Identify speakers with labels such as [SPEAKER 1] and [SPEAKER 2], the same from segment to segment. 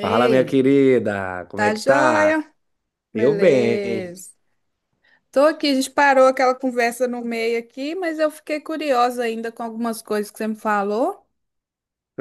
[SPEAKER 1] Fala, minha querida, como é
[SPEAKER 2] tá
[SPEAKER 1] que tá?
[SPEAKER 2] joia?
[SPEAKER 1] Eu bem.
[SPEAKER 2] Beleza. Tô aqui, a gente parou aquela conversa no meio aqui, mas eu fiquei curiosa ainda com algumas coisas que você me falou.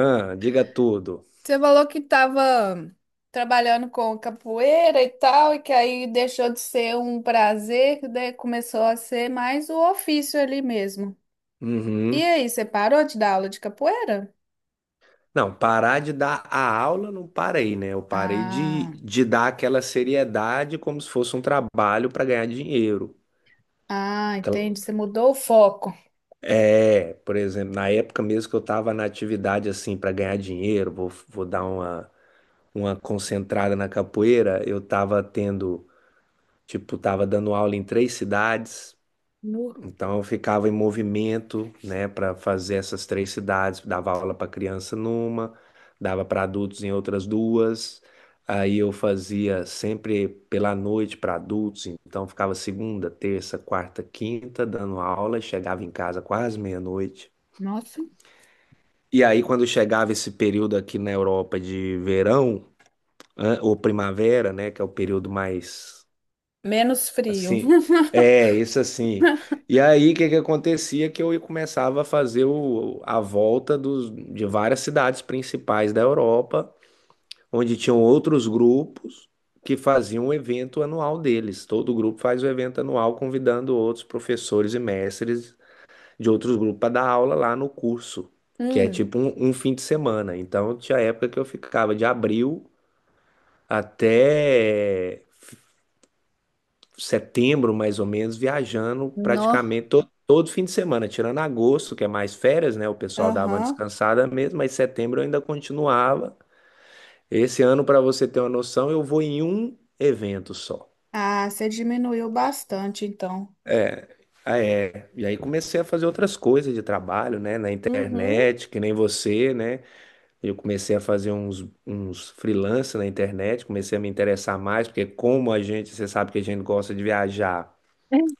[SPEAKER 1] Ah, diga tudo.
[SPEAKER 2] Você falou que tava trabalhando com capoeira e tal, e que aí deixou de ser um prazer, que daí começou a ser mais o ofício ali mesmo. E
[SPEAKER 1] Uhum.
[SPEAKER 2] aí, você parou de dar aula de capoeira?
[SPEAKER 1] Não, parar de dar a aula não parei, né? Eu parei de,
[SPEAKER 2] Ah,
[SPEAKER 1] de dar aquela seriedade como se fosse um trabalho para ganhar dinheiro. Então,
[SPEAKER 2] entendi. Você mudou o foco.
[SPEAKER 1] é, por exemplo, na época mesmo que eu estava na atividade assim para ganhar dinheiro, vou dar uma concentrada na capoeira, eu estava tendo, tipo, estava dando aula em 3 cidades.
[SPEAKER 2] No-
[SPEAKER 1] Então eu ficava em movimento, né, para fazer essas 3 cidades, dava aula para criança numa, dava para adultos em outras duas. Aí eu fazia sempre pela noite para adultos, então ficava segunda, terça, quarta, quinta dando aula e chegava em casa quase meia-noite.
[SPEAKER 2] Nossa,
[SPEAKER 1] E aí quando chegava esse período aqui na Europa de verão, ou primavera, né, que é o período mais.
[SPEAKER 2] menos frio.
[SPEAKER 1] Assim, é, isso assim. E aí, o que que acontecia? Que eu começava a fazer o, a volta dos, de várias cidades principais da Europa, onde tinham outros grupos que faziam o evento anual deles. Todo grupo faz o evento anual, convidando outros professores e mestres de outros grupos para dar aula lá no curso, que é
[SPEAKER 2] Hum,
[SPEAKER 1] tipo um, um fim de semana. Então, tinha época que eu ficava de abril até setembro, mais ou menos, viajando
[SPEAKER 2] nó.
[SPEAKER 1] praticamente todo fim de semana, tirando agosto, que é mais férias, né? O pessoal dava uma
[SPEAKER 2] Aham.
[SPEAKER 1] descansada mesmo, mas setembro eu ainda continuava. Esse ano, para você ter uma noção, eu vou em um evento só.
[SPEAKER 2] Ah, você diminuiu bastante, então.
[SPEAKER 1] Ah, é. E aí comecei a fazer outras coisas de trabalho, né? Na
[SPEAKER 2] Uhum.
[SPEAKER 1] internet, que nem você, né? Eu comecei a fazer uns freelance na internet, comecei a me interessar mais, porque como a gente, você sabe que a gente gosta de viajar,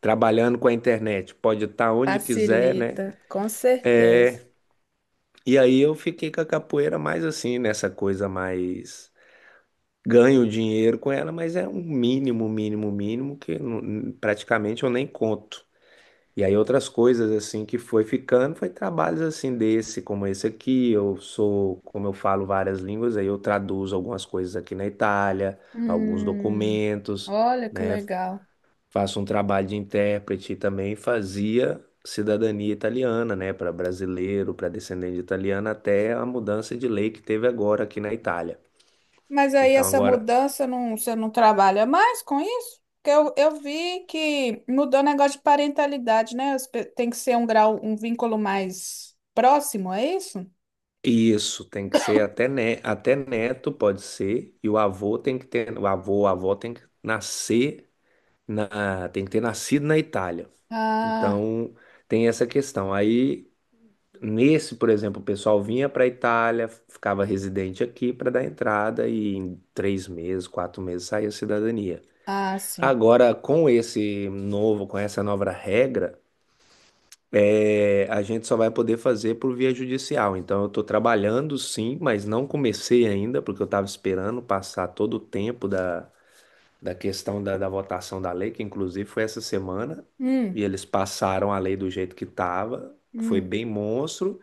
[SPEAKER 1] trabalhando com a internet, pode estar onde quiser, né?
[SPEAKER 2] Facilita, com certeza.
[SPEAKER 1] E aí eu fiquei com a capoeira mais assim, nessa coisa mais. Ganho dinheiro com ela, mas é um mínimo, mínimo, mínimo que praticamente eu nem conto. E aí outras coisas assim que foi ficando, foi trabalhos assim desse, como esse aqui. Eu sou, como eu falo várias línguas, aí eu traduzo algumas coisas aqui na Itália, alguns
[SPEAKER 2] Hum,
[SPEAKER 1] documentos,
[SPEAKER 2] olha que
[SPEAKER 1] né?
[SPEAKER 2] legal.
[SPEAKER 1] Faço um trabalho de intérprete e também fazia cidadania italiana, né, para brasileiro, para descendente de italiano até a mudança de lei que teve agora aqui na Itália.
[SPEAKER 2] Mas aí
[SPEAKER 1] Então
[SPEAKER 2] essa
[SPEAKER 1] agora
[SPEAKER 2] mudança, não, você não trabalha mais com isso? Porque eu vi que mudou o negócio de parentalidade, né? Tem que ser um grau, um vínculo mais próximo, é isso?
[SPEAKER 1] isso tem que ser até neto pode ser e o avô tem que ter o avô, a avó tem que nascer na tem que ter nascido na Itália.
[SPEAKER 2] Ah,
[SPEAKER 1] Então tem essa questão. Aí. Nesse, por exemplo, o pessoal vinha para a Itália, ficava residente aqui para dar entrada e em 3 meses, 4 meses saía a cidadania.
[SPEAKER 2] sim.
[SPEAKER 1] Agora, com esse novo, com essa nova regra, é, a gente só vai poder fazer por via judicial. Então, eu estou trabalhando sim, mas não comecei ainda, porque eu estava esperando passar todo o tempo da questão da votação da lei, que inclusive foi essa semana, e
[SPEAKER 2] Hum,
[SPEAKER 1] eles passaram a lei do jeito que estava, foi
[SPEAKER 2] hum.
[SPEAKER 1] bem monstro.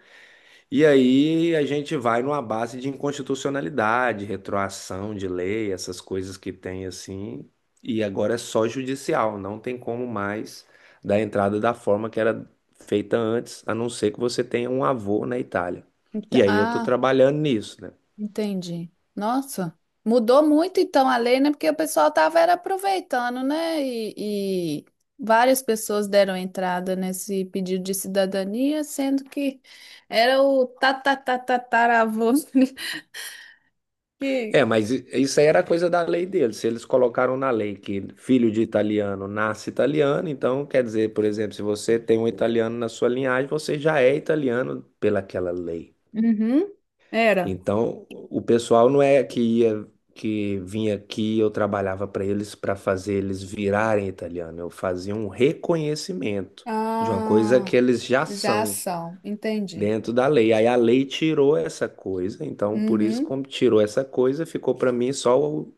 [SPEAKER 1] E aí a gente vai numa base de inconstitucionalidade, retroação de lei, essas coisas que tem assim. E agora é só judicial, não tem como mais dar entrada da forma que era feita antes, a não ser que você tenha um avô na Itália.
[SPEAKER 2] Então,
[SPEAKER 1] E aí eu tô
[SPEAKER 2] ah.
[SPEAKER 1] trabalhando nisso, né?
[SPEAKER 2] Entendi. Nossa, mudou muito então a lei, né? Porque o pessoal tava era aproveitando, né? E várias pessoas deram entrada nesse pedido de cidadania, sendo que era o tatatataravô que.
[SPEAKER 1] É, mas isso aí era coisa da lei deles. Se eles colocaram na lei que filho de italiano nasce italiano, então quer dizer, por exemplo, se você tem um italiano na sua linhagem, você já é italiano pelaquela lei.
[SPEAKER 2] Uhum, era.
[SPEAKER 1] Então, o pessoal não é que ia, que vinha aqui, eu trabalhava para eles para fazer eles virarem italiano. Eu fazia um reconhecimento de uma coisa
[SPEAKER 2] Ah,
[SPEAKER 1] que eles já
[SPEAKER 2] já
[SPEAKER 1] são
[SPEAKER 2] são, entendi.
[SPEAKER 1] dentro da lei. Aí a lei tirou essa coisa, então por isso
[SPEAKER 2] Uhum,
[SPEAKER 1] como tirou essa coisa, ficou para mim só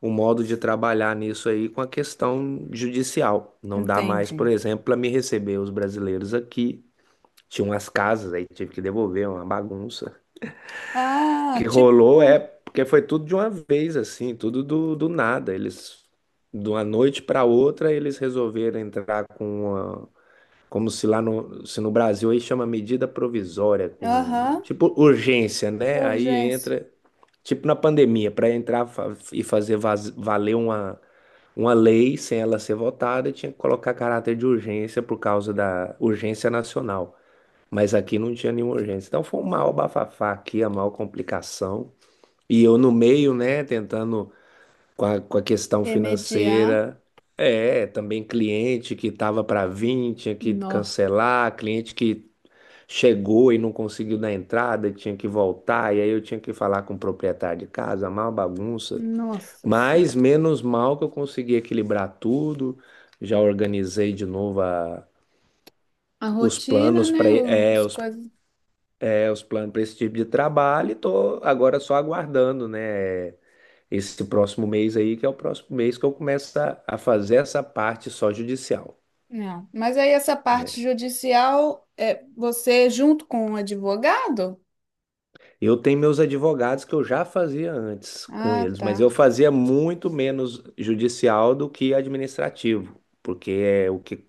[SPEAKER 1] o modo de trabalhar nisso aí com a questão judicial. Não dá mais,
[SPEAKER 2] entendi.
[SPEAKER 1] por exemplo, para me receber os brasileiros aqui. Tinha umas casas aí, tive que devolver uma bagunça que
[SPEAKER 2] Ah,
[SPEAKER 1] rolou é
[SPEAKER 2] tipo,
[SPEAKER 1] porque foi tudo de uma vez, assim, tudo do nada. Eles, de uma noite para outra, eles resolveram entrar com uma, como se lá no, se no Brasil aí chama medida provisória, com
[SPEAKER 2] aham,
[SPEAKER 1] tipo urgência, né? Aí
[SPEAKER 2] urgência.
[SPEAKER 1] entra, tipo na pandemia, para entrar e fazer valer uma lei sem ela ser votada, tinha que colocar caráter de urgência por causa da urgência nacional. Mas aqui não tinha nenhuma urgência. Então foi um maior bafafá aqui, a maior complicação. E eu no meio, né, tentando com a questão
[SPEAKER 2] Remediar.
[SPEAKER 1] financeira. É, também cliente que estava para vir, tinha que
[SPEAKER 2] No.
[SPEAKER 1] cancelar, cliente que chegou e não conseguiu dar entrada, tinha que voltar, e aí eu tinha que falar com o proprietário de casa, uma bagunça.
[SPEAKER 2] Nossa Senhora.
[SPEAKER 1] Mas menos mal que eu consegui equilibrar tudo, já organizei de novo
[SPEAKER 2] A
[SPEAKER 1] os
[SPEAKER 2] rotina,
[SPEAKER 1] planos
[SPEAKER 2] né?
[SPEAKER 1] para
[SPEAKER 2] As coisas.
[SPEAKER 1] é, os planos para esse tipo de trabalho e tô agora só aguardando, né? Esse próximo mês aí, que é o próximo mês que eu começo a fazer essa parte só judicial,
[SPEAKER 2] Não. Mas aí essa
[SPEAKER 1] né?
[SPEAKER 2] parte judicial é você junto com o advogado?
[SPEAKER 1] Eu tenho meus advogados que eu já fazia antes com
[SPEAKER 2] Ah,
[SPEAKER 1] eles, mas
[SPEAKER 2] tá.
[SPEAKER 1] eu fazia muito menos judicial do que administrativo, porque é o que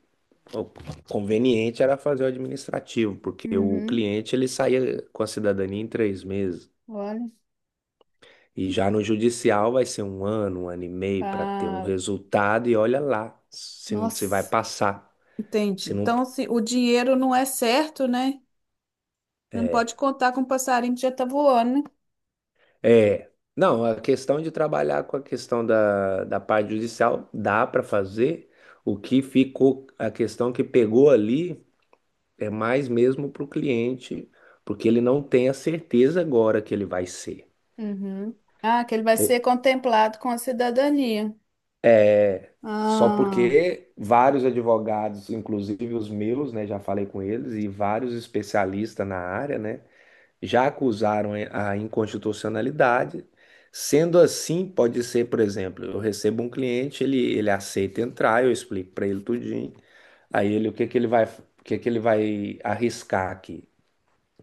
[SPEAKER 1] o conveniente era fazer o administrativo, porque o
[SPEAKER 2] Uhum.
[SPEAKER 1] cliente ele saía com a cidadania em 3 meses.
[SPEAKER 2] Olha,
[SPEAKER 1] E já no judicial vai ser um ano e meio para ter um
[SPEAKER 2] tá.
[SPEAKER 1] resultado, e olha lá se vai
[SPEAKER 2] Nossa,
[SPEAKER 1] passar.
[SPEAKER 2] entendi.
[SPEAKER 1] Se não.
[SPEAKER 2] Então, se o dinheiro não é certo, né? Não pode contar com o passarinho que já tá voando, né?
[SPEAKER 1] É, não, a questão de trabalhar com a questão da parte judicial dá para fazer. O que ficou, a questão que pegou ali é mais mesmo para o cliente, porque ele não tem a certeza agora que ele vai ser.
[SPEAKER 2] Uhum. Ah, que ele vai ser
[SPEAKER 1] Ou-.
[SPEAKER 2] contemplado com a cidadania.
[SPEAKER 1] Só
[SPEAKER 2] Ah,
[SPEAKER 1] porque vários advogados, inclusive os meus, né, já falei com eles, e vários especialistas na área, né, já acusaram a inconstitucionalidade. Sendo assim, pode ser, por exemplo, eu recebo um cliente, ele aceita entrar, eu explico para ele tudinho. Aí ele, o que que ele vai, o que que ele vai arriscar aqui?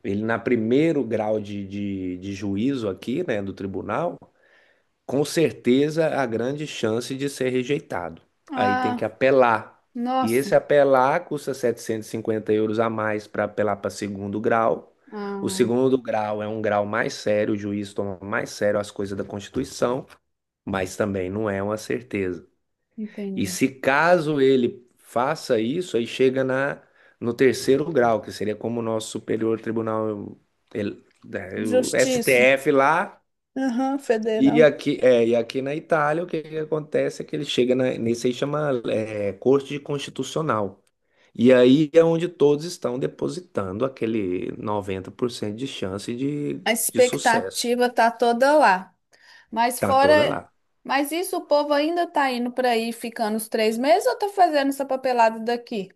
[SPEAKER 1] Ele, na primeiro grau de juízo aqui, né, do tribunal, com certeza a grande chance de ser rejeitado. Aí tem que
[SPEAKER 2] ah,
[SPEAKER 1] apelar. E
[SPEAKER 2] nossa.
[SPEAKER 1] esse apelar custa 750 euros a mais para apelar para segundo grau. O
[SPEAKER 2] Ah,
[SPEAKER 1] segundo grau é um grau mais sério, o juiz toma mais sério as coisas da Constituição, mas também não é uma certeza. E
[SPEAKER 2] entendi.
[SPEAKER 1] se caso ele faça isso, aí no terceiro grau, que seria como o nosso Superior Tribunal, né, o
[SPEAKER 2] Justiça.
[SPEAKER 1] STF lá,
[SPEAKER 2] Aham,
[SPEAKER 1] e
[SPEAKER 2] federal.
[SPEAKER 1] aqui, é, e aqui na Itália, o que que acontece é que ele nesse aí chama é, Corte Constitucional. E aí é onde todos estão depositando aquele 90% de chance
[SPEAKER 2] A
[SPEAKER 1] de sucesso.
[SPEAKER 2] expectativa tá toda lá. Mas
[SPEAKER 1] Tá toda
[SPEAKER 2] fora,
[SPEAKER 1] lá.
[SPEAKER 2] mas isso o povo ainda tá indo para aí ficando os 3 meses ou tá fazendo essa papelada daqui?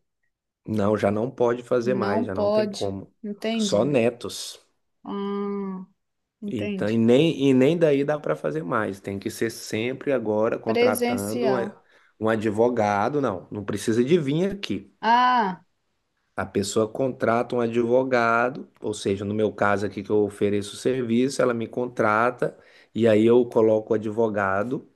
[SPEAKER 1] Não, já não pode fazer
[SPEAKER 2] Não
[SPEAKER 1] mais, já não tem
[SPEAKER 2] pode.
[SPEAKER 1] como. Só
[SPEAKER 2] Entendi.
[SPEAKER 1] netos.
[SPEAKER 2] Ah,
[SPEAKER 1] Então,
[SPEAKER 2] entendi.
[SPEAKER 1] e nem daí dá para fazer mais. Tem que ser sempre agora contratando
[SPEAKER 2] Presencial.
[SPEAKER 1] um advogado. Não, não precisa de vir aqui.
[SPEAKER 2] Ah,
[SPEAKER 1] A pessoa contrata um advogado, ou seja, no meu caso aqui que eu ofereço o serviço, ela me contrata e aí eu coloco o advogado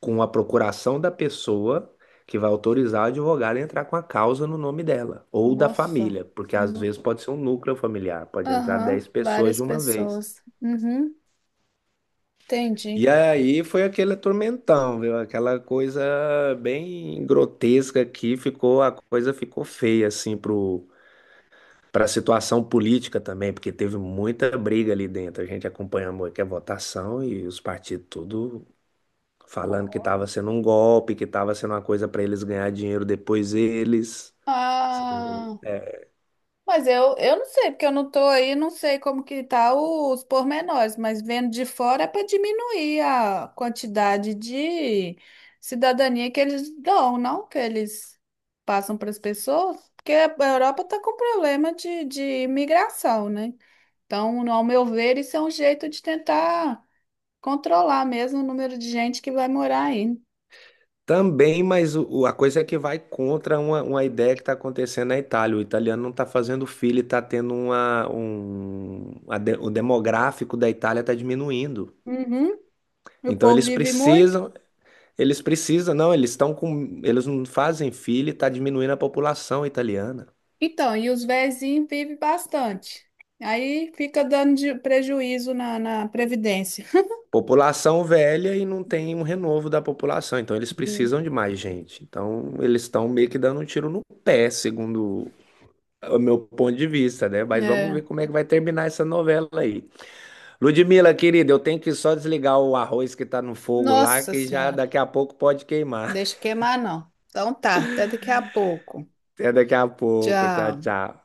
[SPEAKER 1] com a procuração da pessoa que vai autorizar o advogado a entrar com a causa no nome dela ou da
[SPEAKER 2] nossa.
[SPEAKER 1] família, porque às
[SPEAKER 2] No-
[SPEAKER 1] vezes pode ser um núcleo familiar, pode entrar
[SPEAKER 2] Aham,
[SPEAKER 1] 10 pessoas
[SPEAKER 2] várias
[SPEAKER 1] de uma vez.
[SPEAKER 2] pessoas. Uhum,
[SPEAKER 1] E
[SPEAKER 2] entendi.
[SPEAKER 1] aí foi aquele tormentão, viu? Aquela coisa bem grotesca que ficou, a coisa ficou feia assim pro para a situação política também, porque teve muita briga ali dentro. A gente acompanhou aqui a votação e os partidos tudo falando que estava sendo um golpe, que estava sendo uma coisa para eles ganhar dinheiro depois eles. Você tá entendendo?
[SPEAKER 2] Ah, mas eu não sei, porque eu não tô aí, não sei como que tá os pormenores, mas vendo de fora é para diminuir a quantidade de cidadania que eles dão, não que eles passam para as pessoas, porque a Europa está com problema de imigração, né? Então, ao meu ver, isso é um jeito de tentar controlar mesmo o número de gente que vai morar aí.
[SPEAKER 1] Também, mas a coisa é que vai contra uma ideia que está acontecendo na Itália. O italiano não está fazendo filho, está tendo uma, um, o demográfico da Itália está diminuindo.
[SPEAKER 2] Uhum. O
[SPEAKER 1] Então
[SPEAKER 2] povo
[SPEAKER 1] eles
[SPEAKER 2] vive muito.
[SPEAKER 1] precisam, eles precisam, não, eles estão com, eles não fazem filho e tá diminuindo a população italiana.
[SPEAKER 2] Então, e os vizinhos vivem bastante. Aí fica dando prejuízo na Previdência.
[SPEAKER 1] População velha e não tem um renovo da população, então eles
[SPEAKER 2] Hum.
[SPEAKER 1] precisam de mais gente. Então eles estão meio que dando um tiro no pé, segundo o meu ponto de vista, né? Mas vamos
[SPEAKER 2] É.
[SPEAKER 1] ver como é que vai terminar essa novela aí. Ludmila, querida, eu tenho que só desligar o arroz que tá no fogo lá,
[SPEAKER 2] Nossa
[SPEAKER 1] que já
[SPEAKER 2] Senhora,
[SPEAKER 1] daqui a pouco pode queimar.
[SPEAKER 2] deixa queimar não. Então tá, até daqui a pouco.
[SPEAKER 1] Até daqui a pouco. Tchau,
[SPEAKER 2] Tchau.
[SPEAKER 1] tchau.